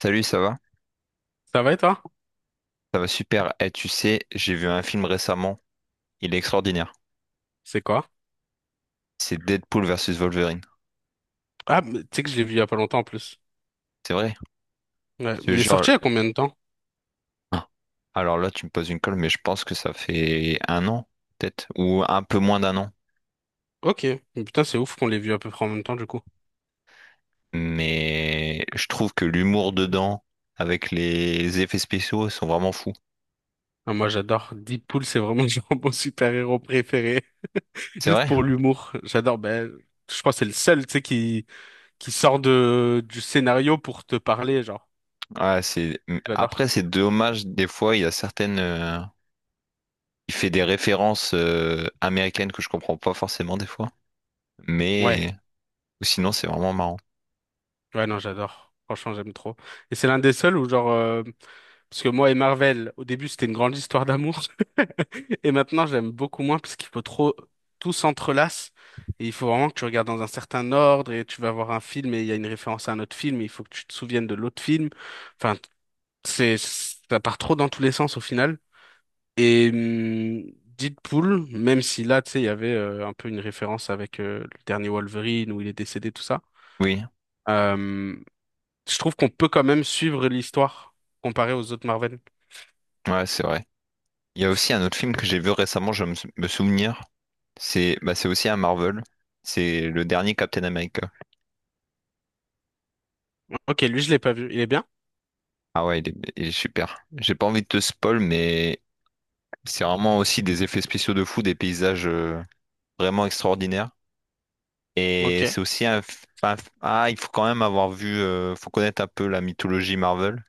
Salut, ça va? Ça va et toi? Ça va super. Et tu sais, j'ai vu un film récemment. Il est extraordinaire. C'est quoi? C'est Deadpool versus Wolverine. Ah, mais tu sais que je l'ai vu il y a pas longtemps en plus. C'est vrai? Ouais, Je te mais il est jure. sorti il y a combien de temps? Ah. Alors là, tu me poses une colle, mais je pense que ça fait un an, peut-être, ou un peu moins d'un an. Ok. Mais Putain, c'est ouf qu'on l'ait vu à peu près en même temps du coup. Mais je trouve que l'humour dedans, avec les effets spéciaux, sont vraiment fous. Ah, moi j'adore. Deadpool, c'est vraiment genre mon super-héros préféré. C'est Juste vrai? pour l'humour. J'adore. Ben, je crois que c'est le seul, tu sais, qui sort du scénario pour te parler, genre. Ouais. J'adore. Après, c'est dommage. Des fois, il y a certaines. Il fait des références américaines que je comprends pas forcément des fois. Ouais. Mais ou sinon, c'est vraiment marrant. Ouais, non, j'adore. Franchement, j'aime trop. Et c'est l'un des seuls où genre, parce que moi et Marvel, au début, c'était une grande histoire d'amour. Et maintenant, j'aime beaucoup moins parce qu'il faut trop, tout s'entrelace. Et il faut vraiment que tu regardes dans un certain ordre et tu vas voir un film et il y a une référence à un autre film et il faut que tu te souviennes de l'autre film. Enfin, ça part trop dans tous les sens au final. Et Deadpool, même si là, tu sais, il y avait un peu une référence avec le dernier Wolverine où il est décédé, tout ça, Oui, euh, je trouve qu'on peut quand même suivre l'histoire comparée aux autres Marvel. ouais, c'est vrai. Il y a aussi un autre film que j'ai vu récemment, je me souvenir. C'est bah, c'est aussi un Marvel. C'est le dernier Captain America. Ok, lui, je l'ai pas vu. Il est bien? Ah ouais, il est super. J'ai pas envie de te spoil, mais c'est vraiment aussi des effets spéciaux de fou, des paysages vraiment extraordinaires. Et Ok. c'est aussi Ah, il faut quand même avoir vu. Faut connaître un peu la mythologie Marvel,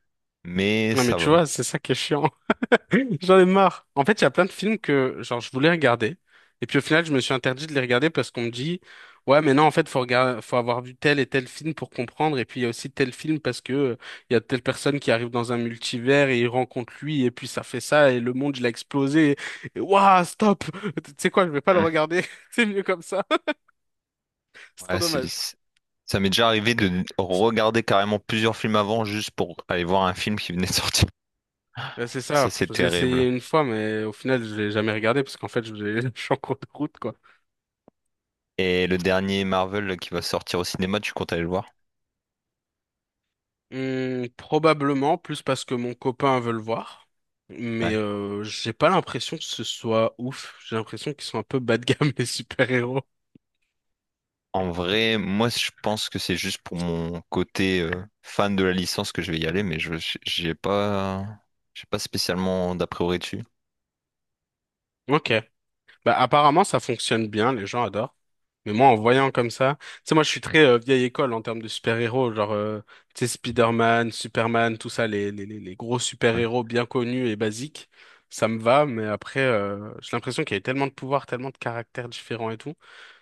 mais Non, mais ça tu va. vois, c'est ça qui est chiant. J'en ai marre. En fait, il y a plein de films que, genre, je voulais regarder. Et puis, au final, je me suis interdit de les regarder parce qu'on me dit, ouais, mais non, en fait, faut regarder, faut avoir vu tel et tel film pour comprendre. Et puis, il y a aussi tel film parce que il y a telle personne qui arrive dans un multivers et il rencontre lui. Et puis, ça fait ça. Et le monde, il a explosé. Et, waouh, stop! Tu sais quoi, je vais pas le Hmm. regarder. C'est mieux comme ça. C'est trop Ouais, dommage. Ça m'est déjà arrivé de regarder carrément plusieurs films avant juste pour aller voir un film qui venait de sortir. Ouais, c'est Ça, ça. c'est J'ai essayé terrible. une fois, mais au final, je l'ai jamais regardé parce qu'en fait, je l'ai- je suis en cours de route, quoi. Et le dernier Marvel qui va sortir au cinéma, tu comptes aller le voir? Probablement plus parce que mon copain veut le voir, mais Ouais. J'ai pas l'impression que ce soit ouf. J'ai l'impression qu'ils sont un peu bas de gamme les super-héros. En vrai, moi, je pense que c'est juste pour mon côté fan de la licence que je vais y aller, mais je j'ai pas, j'ai pas spécialement d'a priori dessus. Ok. Bah, apparemment, ça fonctionne bien, les gens adorent. Mais moi, en voyant comme ça, tu sais, moi, je suis très vieille école en termes de super-héros, genre, tu sais, Spider-Man, Superman, tout ça, les gros Ouais. super-héros bien connus et basiques, ça me va, mais après, j'ai l'impression qu'il y avait tellement de pouvoirs, tellement de caractères différents et tout,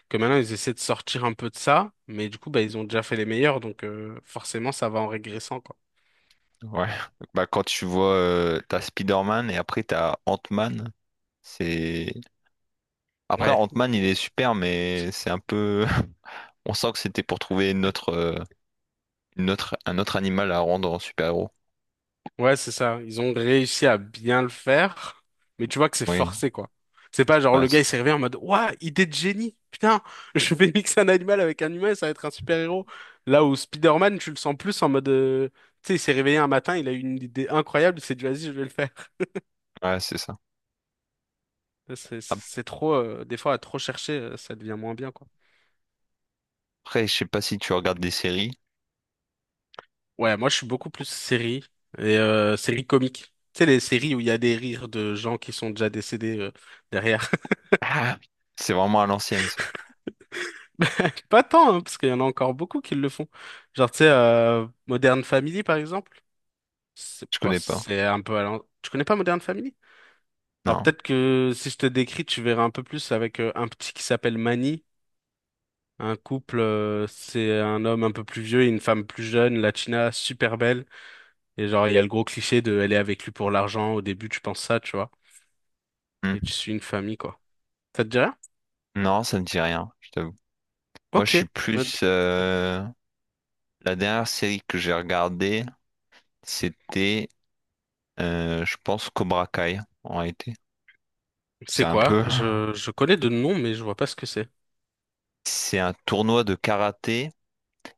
que maintenant, ils essaient de sortir un peu de ça, mais du coup, bah, ils ont déjà fait les meilleurs, donc forcément, ça va en régressant, quoi. Ouais. Bah, quand tu vois, t'as Spider-Man et après t'as Ant-Man, c'est... après, Ouais. Ant-Man, il est super, mais c'est un peu. On sent que c'était pour trouver notre autre, une autre- un autre animal à rendre en super-héros. Ouais, c'est ça. Ils ont réussi à bien le faire, mais tu vois que c'est Oui, forcé, quoi. C'est pas genre ouais, le gars c'est il s'est réveillé en mode ouah, idée de génie! Putain, je vais mixer un animal avec un humain, ça va être un super-héros. Là où Spider-Man, tu le sens plus en mode tu sais, il s'est réveillé un matin, il a eu une idée incroyable, il s'est dit vas-y, je vais le faire. ouais, c'est ça. C'est trop, des fois à trop chercher, ça devient moins bien, quoi. Après, je sais pas si tu regardes des séries. Ouais, moi je suis beaucoup plus série et série comique. Tu sais, les séries où il y a des rires de gens qui sont déjà décédés derrière. Ah, c'est vraiment à l'ancienne, ça. Pas tant, hein, parce qu'il y en a encore beaucoup qui le font. Genre, tu sais, Modern Family, par exemple, c'est Je pas, connais pas. c'est un peu à l'an- Tu connais pas Modern Family? Alors, Non. peut-être que si je te décris, tu verras un peu plus avec un petit qui s'appelle Manny. Un couple, c'est un homme un peu plus vieux et une femme plus jeune, latina, super belle. Et genre, il y a le gros cliché de elle est avec lui pour l'argent. Au début, tu penses ça, tu vois. Hmm. Et tu suis une famille, quoi. Ça te dit rien? Non, ça ne dit rien, je t'avoue. Moi, je Ok. suis Ouais. plus... La dernière série que j'ai regardée, c'était, je pense, Cobra Kai, en réalité. C'est C'est un quoi? peu... Je connais de nom, mais je vois pas ce que c'est. C'est un tournoi de karaté,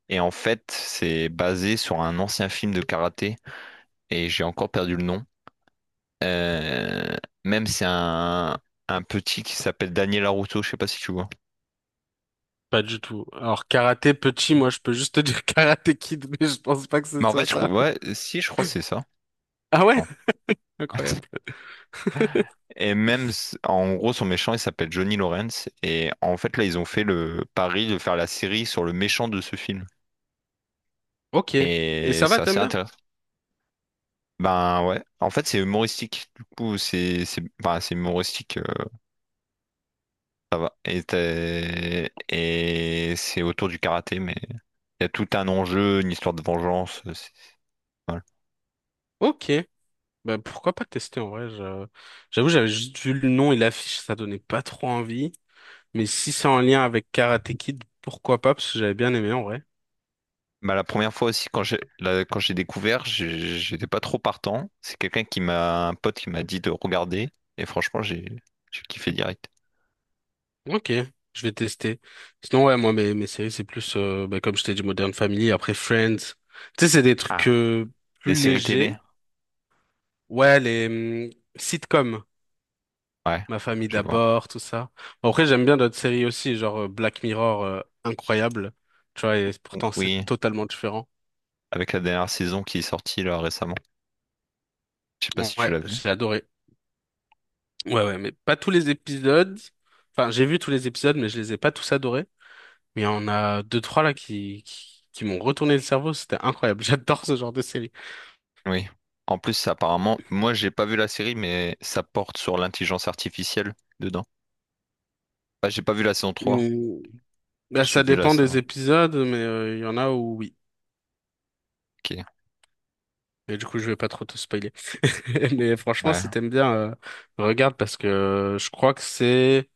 et en fait, c'est basé sur un ancien film de karaté, et j'ai encore perdu le nom. Euh, Même c'est un petit qui s'appelle Daniel Larusso, je sais pas si tu vois. Pas du tout. Alors, karaté petit, moi, je peux juste te dire karaté kid, mais je pense pas que ce Mais en soit fait, je crois. ça. Ouais, si, je crois que c'est ça. Ah ouais? Attends. Incroyable. Et même, en gros, son méchant, il s'appelle Johnny Lawrence. Et en fait, là, ils ont fait le pari de faire la série sur le méchant de ce film. Ok. Et Et ça va, c'est assez t'aimes bien? intéressant. Ben ouais, en fait, c'est humoristique. Du coup, c'est ben, c'est humoristique, ça va. Et c'est autour du karaté, mais il y a tout un enjeu, une histoire de vengeance. Voilà. Ok. Bah, pourquoi pas tester en vrai? J'avoue, j'avais juste vu le nom et l'affiche, ça donnait pas trop envie. Mais si c'est en lien avec Karate Kid, pourquoi pas? Parce que j'avais bien aimé en vrai. Ben, la première fois aussi, quand j'ai découvert, j'étais pas trop partant. C'est un pote qui m'a dit de regarder. Et franchement, j'ai kiffé direct. Ok, je vais tester. Sinon, ouais, moi, mes séries, c'est plus, bah, comme je t'ai dit, Modern Family, après Friends. Tu sais, c'est des trucs Ah. Plus Des séries télé? légers. Ouais, les sitcoms. Ouais, Ma famille je vois. d'abord, tout ça. Bon, après, j'aime bien d'autres séries aussi, genre Black Mirror, incroyable. Tu vois, et pourtant c'est Oui, totalement différent. avec la dernière saison qui est sortie là récemment. Je sais pas si tu Ouais, l'as vue. j'ai adoré. Ouais, ouais, mais pas tous les épisodes. Enfin, j'ai vu tous les épisodes, mais je les ai pas tous adorés. Mais il y en a deux, trois là qui m'ont retourné le cerveau. C'était incroyable. J'adore ce genre de série. Oui. En plus, apparemment, moi j'ai pas vu la série, mais ça porte sur l'intelligence artificielle dedans. Ah, j'ai pas vu la saison 3. Hum, bah, J'ai ça vu la dépend des saison. épisodes, mais il y en a où oui. Ok. Et du coup, je vais pas trop te spoiler. Mais franchement, Ouais. si t'aimes bien, regarde parce que je crois que c'est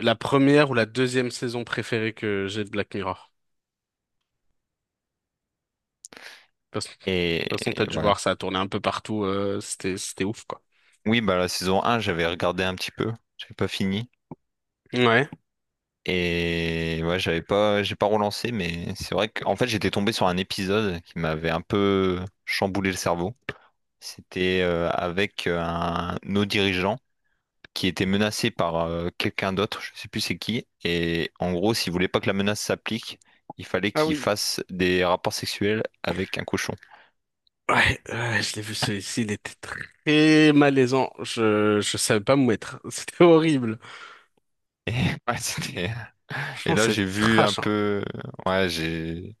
la première ou la deuxième saison préférée que j'ai de Black Mirror. Parce- De Et toute façon, t'as dû ouais. voir, ça a tourné un peu partout. C'était ouf, quoi. Oui, bah la saison un, j'avais regardé un petit peu. J'avais pas fini. Ouais. Et ouais, j'avais pas, j'ai pas relancé, mais c'est vrai qu'en fait, j'étais tombé sur un épisode qui m'avait un peu chamboulé le cerveau. C'était avec nos dirigeants qui étaient menacés par quelqu'un d'autre, je sais plus c'est qui. Et en gros, s'ils voulaient pas que la menace s'applique, il fallait Ah qu'ils oui. fassent des rapports sexuels avec un cochon. Ouais, ouais, je l'ai vu celui-ci, il était très malaisant. Je savais pas me mettre. C'était horrible. Et, ouais, et Franchement, là, c'est j'ai vu un trash, hein. peu. Ouais, j'ai.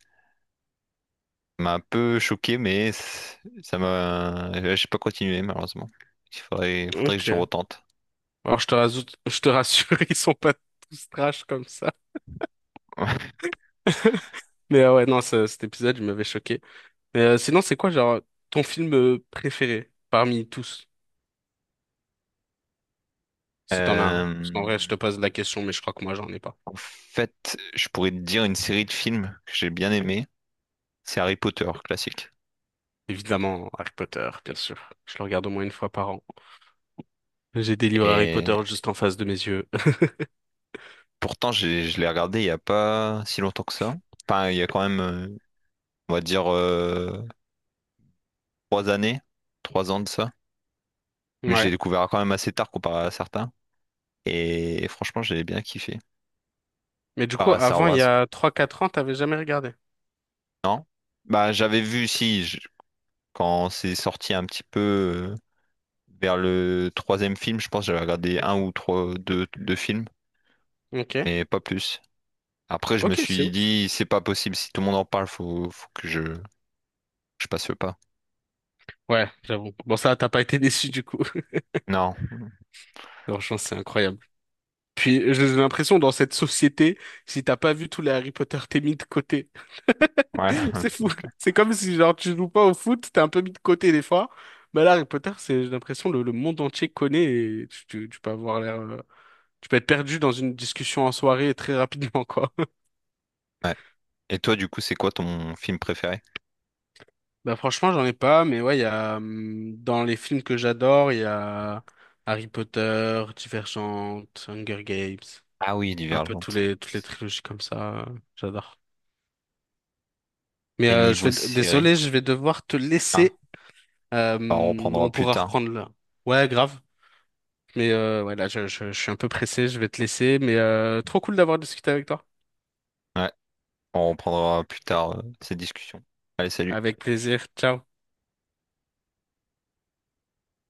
Ça m'a un peu choqué, mais ça m'a. Ouais, j'ai pas continué, malheureusement. Il faudrait que je Ok. retente. Alors, je te rassure, ils sont pas tous trash comme ça. Mais ouais, non, cet épisode, il m'avait choqué. Mais sinon, c'est quoi, genre, ton film préféré parmi tous? Si t'en as un. Parce qu'en vrai, je Euh, te pose la question, mais je crois que moi, j'en ai pas. En fait, je pourrais te dire une série de films que j'ai bien aimé. C'est Harry Potter, classique. Évidemment, Harry Potter, bien sûr. Je le regarde au moins une fois par an. J'ai des livres Harry Et Potter juste en face de mes yeux. pourtant, je l'ai regardé il n'y a pas si longtemps que ça. Enfin, il y a quand même, on va dire, 3 années, 3 ans de ça. Mais j'ai Ouais. découvert quand même assez tard comparé à certains. Et, franchement, j'ai bien kiffé. Mais du Par coup, à Star avant, il y Wars. a trois quatre ans, t'avais jamais regardé. Non? Bah, j'avais vu, si, quand c'est sorti un petit peu vers le troisième film, je pense que j'avais regardé un ou trois, deux films, Ok. mais pas plus. Après, je me Ok, c'est suis ouf. dit, c'est pas possible, si tout le monde en parle, faut que je passe le pas. Ouais, j'avoue. Bon, ça, t'as pas été déçu du coup. Non, Franchement, c'est incroyable. Puis j'ai l'impression dans cette société, si t'as pas vu tous les Harry Potter, t'es mis de côté. ouais, C'est fou. c'est clair. C'est comme si genre tu joues pas au foot, t'es un peu mis de côté des fois. Mais là, Harry Potter, c'est j'ai l'impression le monde entier connaît et tu peux avoir l'air, tu peux être perdu dans une discussion en soirée très rapidement quoi. Ouais. Et toi, du coup, c'est quoi ton film préféré? Bah franchement, j'en ai pas, mais ouais, il y a dans les films que j'adore, il y a Harry Potter, Divergente, Hunger Games, Ah oui, un peu tous Divergente. les toutes les trilogies comme ça, j'adore. Mais Et je niveau vais, série? désolé, je vais devoir te Ah, laisser. on reprendra On plus pourra tard. reprendre là. Ouais, grave. Mais ouais, là, je suis un peu pressé, je vais te laisser. Mais trop cool d'avoir discuté avec toi. Ouais, on reprendra plus tard ces discussions. Allez, salut. Avec plaisir. Ciao.